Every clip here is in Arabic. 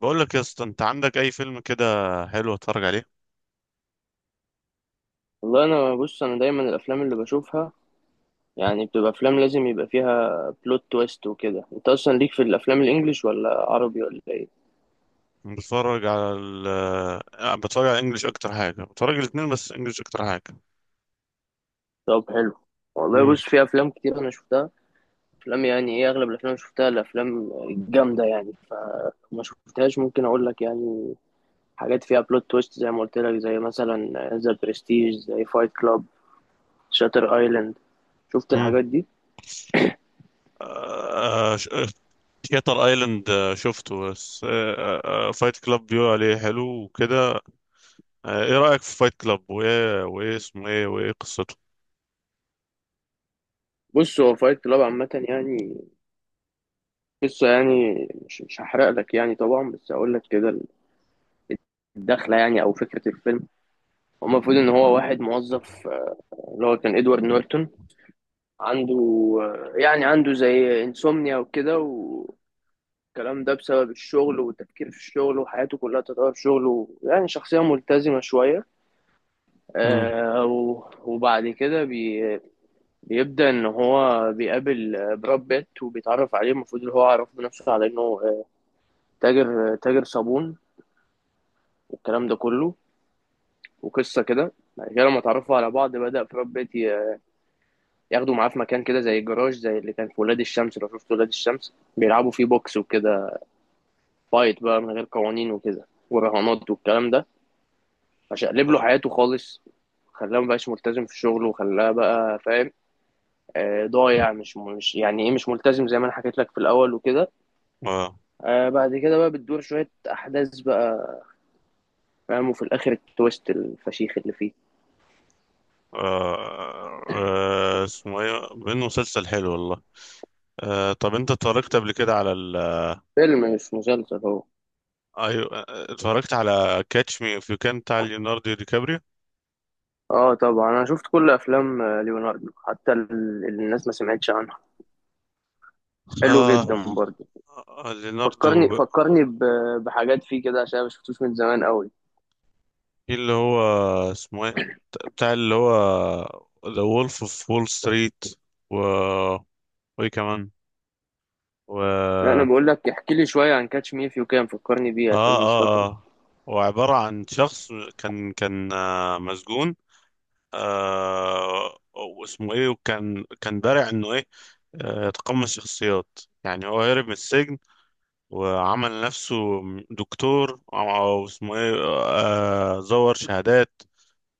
بقول لك يا اسطى، انت عندك اي فيلم كده حلو اتفرج عليه؟ والله انا بص انا دايما الافلام اللي بشوفها يعني بتبقى افلام لازم يبقى فيها بلوت تويست وكده. انت اصلا ليك في الافلام الانجليش ولا عربي ولا ايه؟ أنا بتفرج على ال آه، بتفرج على انجلش. اكتر حاجه بتفرج الاثنين بس انجلش اكتر حاجه. طب حلو. والله امم بص، في افلام كتير انا شفتها، افلام يعني ايه، اغلب الافلام اللي شفتها الافلام الجامده يعني. ما شفتهاش ممكن اقول لك يعني حاجات فيها بلوت تويست زي ما قلت لك، زي مثلا ذا برستيج، زي فايت كلاب، شاتر ايلاند. شفت امم الحاجات دي؟ شاتر ايلاند شفته بس. فايت كلاب بيقولوا عليه حلو وكده. ايه رايك في فايت كلاب؟ وايه اسمه ايه؟ وايه قصته؟ بص هو فايت كلاب عامه يعني قصه يعني مش هحرق لك يعني طبعا، بس اقول لك كده الدخله يعني او فكره الفيلم. هو المفروض ان هو واحد موظف اللي هو كان ادوارد نورتون، عنده يعني عنده زي انسومنيا وكده والكلام ده بسبب الشغل والتفكير في الشغل، وحياته كلها تتغير في شغله، يعني شخصيه ملتزمه شويه. امم آه، و- وبعد كده بيبدا ان هو بيقابل براد بيت وبيتعرف عليه. المفروض ان هو عرف بنفسه على انه تاجر، تاجر صابون والكلام ده كله. وقصه كده بعد كده لما اتعرفوا على بعض بدأ براد بيت ياخدوا معاه في مكان كده زي الجراج، زي اللي كان في ولاد الشمس، لو شفت ولاد الشمس بيلعبوا فيه بوكس وكده، فايت بقى من غير قوانين وكده ورهانات والكلام ده. فشقلب له اه. حياته خالص، خلاه مبقاش ملتزم في شغله وخلاه بقى فاهم ضايع، مش يعني ايه، مش ملتزم زي ما انا حكيت لك في الاول وكده. اه. بعد كده بقى بتدور شوية احداث بقى فاهم، وفي الاخر التويست الفشيخ اللي فيه. اسمه ايه؟ بانه مسلسل حلو والله. طب انت اتفرجت قبل كده على فيلم مش مسلسل هو. ايوه، اتفرجت على كاتش مي اف يو كان بتاع ليوناردو دي كابريو. اه طبعا، انا شفت كل افلام ليوناردو، حتى اللي الناس ما سمعتش عنها، حلو آه. جدا برضه. آه، ليوناردو فكرني فكرني ب- بحاجات فيه كده عشان أنا ما شفتوش من زمان قوي. في اللي هو اسمه ايه؟ بتاع اللي هو ذا وولف اوف وول ستريت، و وايه كمان؟ و لا، انا اه بقول لك احكي لي شويه عن كاتش مي اف يو كان، فكرني بيه اه عشان مش فاكره. اه وعبارة عن شخص كان مسجون. آه، واسمه ايه؟ وكان بارع انه ايه؟ يتقمص شخصيات. يعني هو هرب من السجن وعمل نفسه دكتور او اسمه ايه، زور شهادات.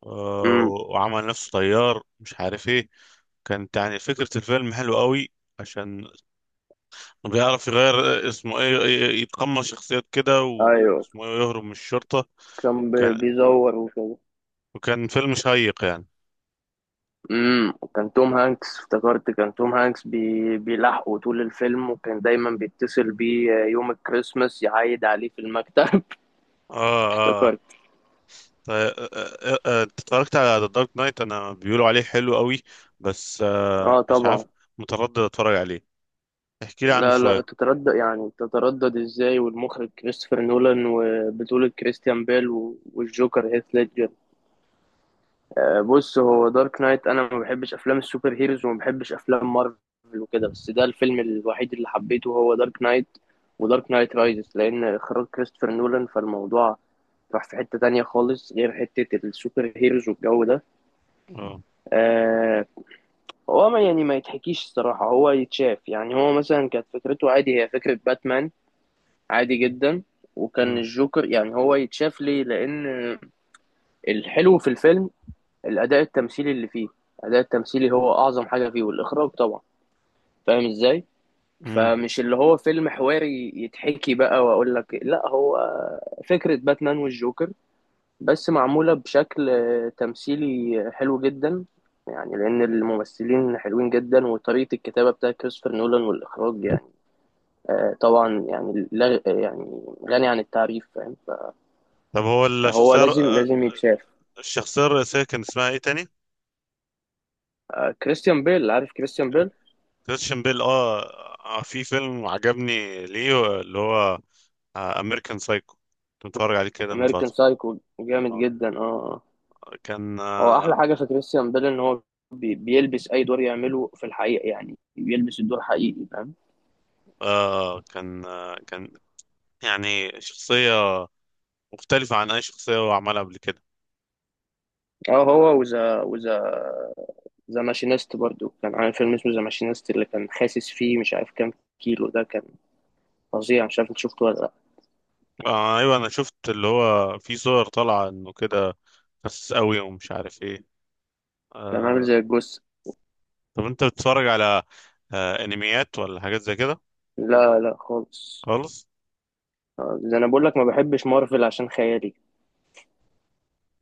آه، امم. وعمل نفسه طيار مش عارف ايه. كانت يعني فكرة الفيلم حلوة قوي، عشان بيعرف يغير. اسمه ايه؟ يتقمص شخصيات كده، ايوه واسمه ايه، يهرب من الشرطة. كان كان بيزور وكده. وكان فيلم شيق يعني. امم، كان توم هانكس، افتكرت كان توم هانكس بيلاحقه طول الفيلم، وكان دايما بيتصل بيه يوم الكريسماس يعايد عليه في المكتب. اه اه. افتكرت. طيب انت اتفرجت على ذا دارك نايت؟ انا بيقولوا عليه حلو قوي، بس آه اه مش عارف، طبعا. متردد اتفرج عليه، احكي لي عنه لا لا شوية. تتردد، يعني تتردد ازاي والمخرج كريستوفر نولان وبطولة كريستيان بيل و- والجوكر هيث ليدجر. بص هو دارك نايت، انا ما بحبش افلام السوبر هيروز وما بحبش افلام مارفل وكده، بس ده الفيلم الوحيد اللي حبيته هو دارك نايت ودارك نايت رايزز، لان اخراج كريستوفر نولان، فالموضوع راح في حتة تانية خالص غير حتة السوبر هيروز والجو ده. اه. آه. هو ما يعني ما يتحكيش الصراحة، هو يتشاف يعني، هو مثلا كانت فكرته عادي، هي فكرة باتمان عادي جدا، وكان مم. الجوكر يعني هو يتشاف ليه، لان الحلو في الفيلم الاداء التمثيلي اللي فيه. الاداء التمثيلي هو اعظم حاجه فيه، والاخراج طبعا، فاهم ازاي. مم. فمش اللي هو فيلم حواري يتحكي بقى واقول لك، لا هو فكره باتمان والجوكر بس معموله بشكل تمثيلي حلو جدا يعني، لان الممثلين حلوين جدا وطريقه الكتابه بتاعت كريستوفر نولان والاخراج يعني طبعا يعني، لا يعني غني عن التعريف، فاهم. طب هو فهو لازم لازم يتشاف. الشخصية الرئيسية كان اسمها ايه تاني؟ كريستيان بيل، عارف كريستيان بيل. كريستيان بيل، اه. في فيلم عجبني ليه، اللي هو امريكان سايكو، كنت بتفرج عليه كده من امريكان فترة. سايكو جامد آه، جدا، اه آه. كان هو آه احلى حاجه في كريستيان بيل ان هو بيلبس اي دور يعمله في الحقيقه، يعني بيلبس الدور حقيقي، فاهم. كان يعني شخصية مختلفة عن أي شخصية هو عملها قبل كده. اه، هو وذا وذا ذا ماشينيست برضو، كان عامل فيلم اسمه ذا ماشينيست اللي كان خاسس فيه مش عارف كام كيلو، ده كان فظيع. مش عارف انت شفته ولا لا. آه، أيوة، أنا شفت اللي هو في صور طالعة إنه كده خسس أوي ومش عارف إيه. كان عامل آه. زي الجثه. طب أنت بتتفرج على أنميات ولا حاجات زي كده؟ لا لا خالص. خالص؟ ده انا بقول لك ما بحبش مارفل عشان خيالي،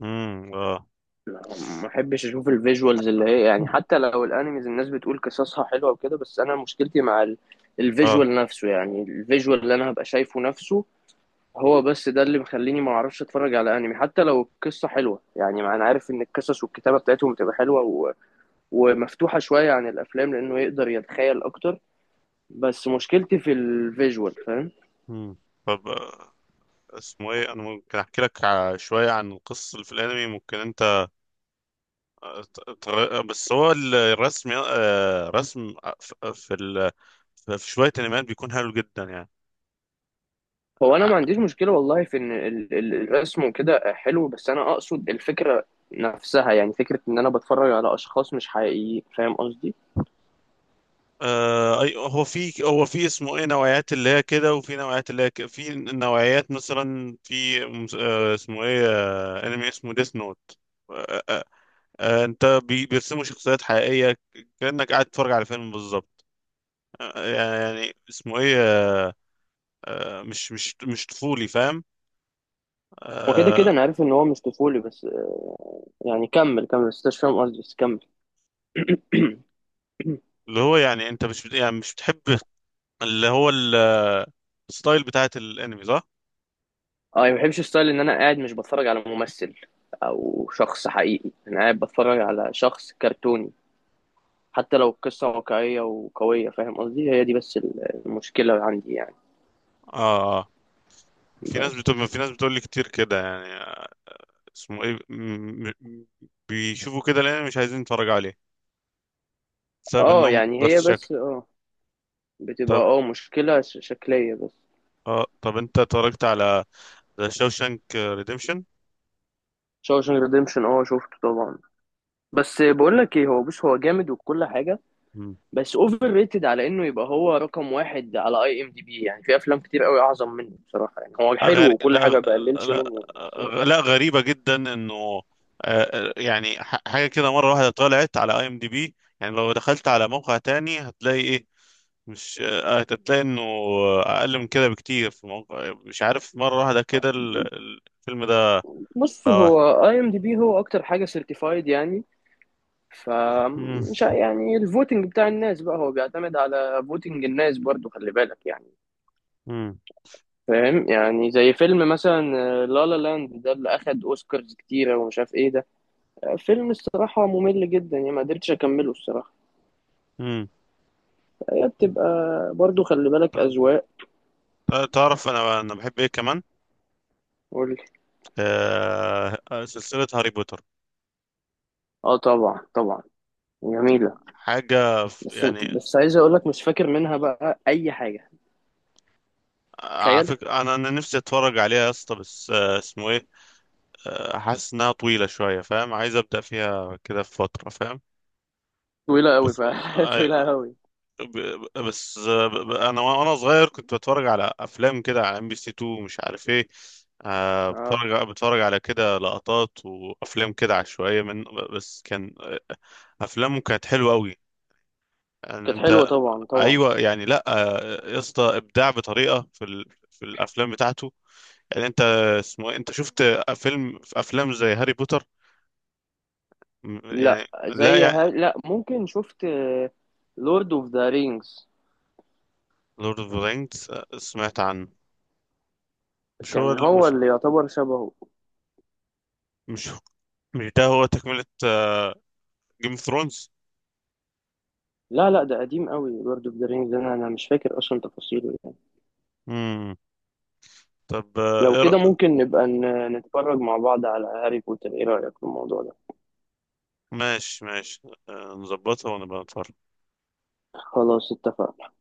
اه ما بحبش اشوف الفيجوالز اللي هي يعني. حتى لو الانيميز الناس بتقول قصصها حلوه وكده، بس انا مشكلتي مع اه. الفيجوال نفسه، يعني الفيجوال اللي انا هبقى شايفه نفسه، هو بس ده اللي مخليني ما اعرفش اتفرج على انمي حتى لو القصه حلوه، يعني ما انا عارف ان القصص والكتابه بتاعتهم بتبقى حلوه و... ومفتوحه شويه عن الافلام لانه يقدر يتخيل اكتر، بس مشكلتي في الفيجوال، فاهم. امم طب اسمه ايه، انا ممكن احكي لك شويه عن القصه اللي في الانمي، ممكن انت بس هو الرسم، رسم ف- في ال في شويه انميات بيكون حلو جدا يعني. هو انا ما عنديش مشكله والله في ان الرسم وكده حلو، بس انا اقصد الفكره نفسها، يعني فكره ان انا بتفرج على اشخاص مش حقيقيين، فاهم قصدي. هو في اسمه ايه، نوعيات اللي هي كده وفي نوعيات اللي هي كده، في نوعيات مثلا في اسمه ايه، انمي اسمه ديث نوت. انت بيرسموا شخصيات حقيقية كأنك قاعد تتفرج على فيلم بالظبط. يعني اسمه ايه، مش طفولي، فاهم؟ وكده كده آه، انا عارف ان هو مش طفولي، بس يعني كمل كمل، بس أنت مش فاهم قصدي، بس كمل. اللي هو يعني انت مش بت- يعني مش بتحب اللي هو الستايل بتاعت الانمي، صح؟ اه، يعني ما بحبش ستايل ان انا قاعد مش بتفرج على ممثل او شخص حقيقي، انا قاعد بتفرج على شخص كرتوني. حتى لو القصة واقعية وقوية، فاهم قصدي، هي دي بس المشكلة عندي يعني. اه اه. في ناس، بس بتقول في ناس بتقول لي كتير كده يعني، اسمه ايه، بيشوفوا كده الانمي مش عايزين يتفرجوا عليه بسبب اه انهم يعني هي بس شكل. بس اه بتبقى طب اه مشكلة شكلية بس. اه، طب انت اتفرجت على ذا شوشانك ريديمشن؟ شوشنج ريديمشن اه شفته طبعا، بس بقول لك ايه، هو بص هو جامد وكل حاجة، بس اوفر ريتد على انه يبقى هو رقم واحد على اي ام دي بي، يعني في افلام كتير قوي اعظم منه بصراحة. يعني هو حلو غري... وكل لا... حاجة، بقللش لا... منه. لا، غريبة جدا انه يعني حاجة كده مرة واحدة طلعت على اي ام دي بي، يعني لو دخلت على موقع تاني هتلاقي ايه؟ مش هتلاقي انه اقل من كده بكتير في الموقع، مش عارف مرة واحدة كده الفيلم ده بص بقى واحد. هو اي ام دي بي هو اكتر حاجه سيرتيفايد يعني، ف مم. مش ع- يعني الفوتنج بتاع الناس بقى هو بيعتمد على فوتنج الناس برضو، خلي بالك يعني، مم. فاهم. يعني زي فيلم مثلا لا لا لاند ده، اللي اخد اوسكارز كتيره ومش عارف ايه ده، فيلم الصراحه ممل جدا يعني، ما قدرتش اكمله الصراحه. مم. هي بتبقى برضو خلي بالك ت- اذواق. تعرف انا، بحب ايه كمان؟ قول لي. سلسلة هاري بوتر اه طبعا طبعا، جميله. حاجة بس يعني. بس عايز اقول لك مش فاكر منها بقى اي حاجه. على تخيل. فكرة انا، نفسي اتفرج عليها يا اسطى، بس اسمه ايه، حاسس انها طويلة شوية، فاهم؟ عايز ابدأ فيها كده في فترة، فاهم؟ طويله قوي بس ف طويله قوي. انا وانا صغير كنت بتفرج على افلام كده على ام بي سي 2، مش عارف ايه، بتفرج على كده لقطات وافلام كده عشوائية من. بس كان افلامه كانت حلوة قوي يعني. كانت حلوة انت طبعا طبعا. ايوه يعني، لا يا اسطى ابداع بطريقة في ال... في الافلام بتاعته. يعني انت اسمه إيه؟ انت شفت فيلم، في افلام زي هاري بوتر، لا، يعني لا زي يعني لا ممكن شفت لورد اوف ذا رينجز. لورد اوف ذا رينجز؟ سمعت عنه. مش هو كان ال... هو اللي يعتبر شبهه. مش مش ده هو تكملة جيم اوف ثرونز؟ لا لا ده قديم قوي، لورد اوف ذا رينجز، انا انا مش فاكر اصلا تفاصيله يعني. امم. طب لو إيه كده ممكن نبقى نتفرج مع بعض على هاري بوتر، ايه رأيك في الموضوع ده؟ ماشي ماشي. نظبطها ونبقى نتفرج. خلاص اتفقنا.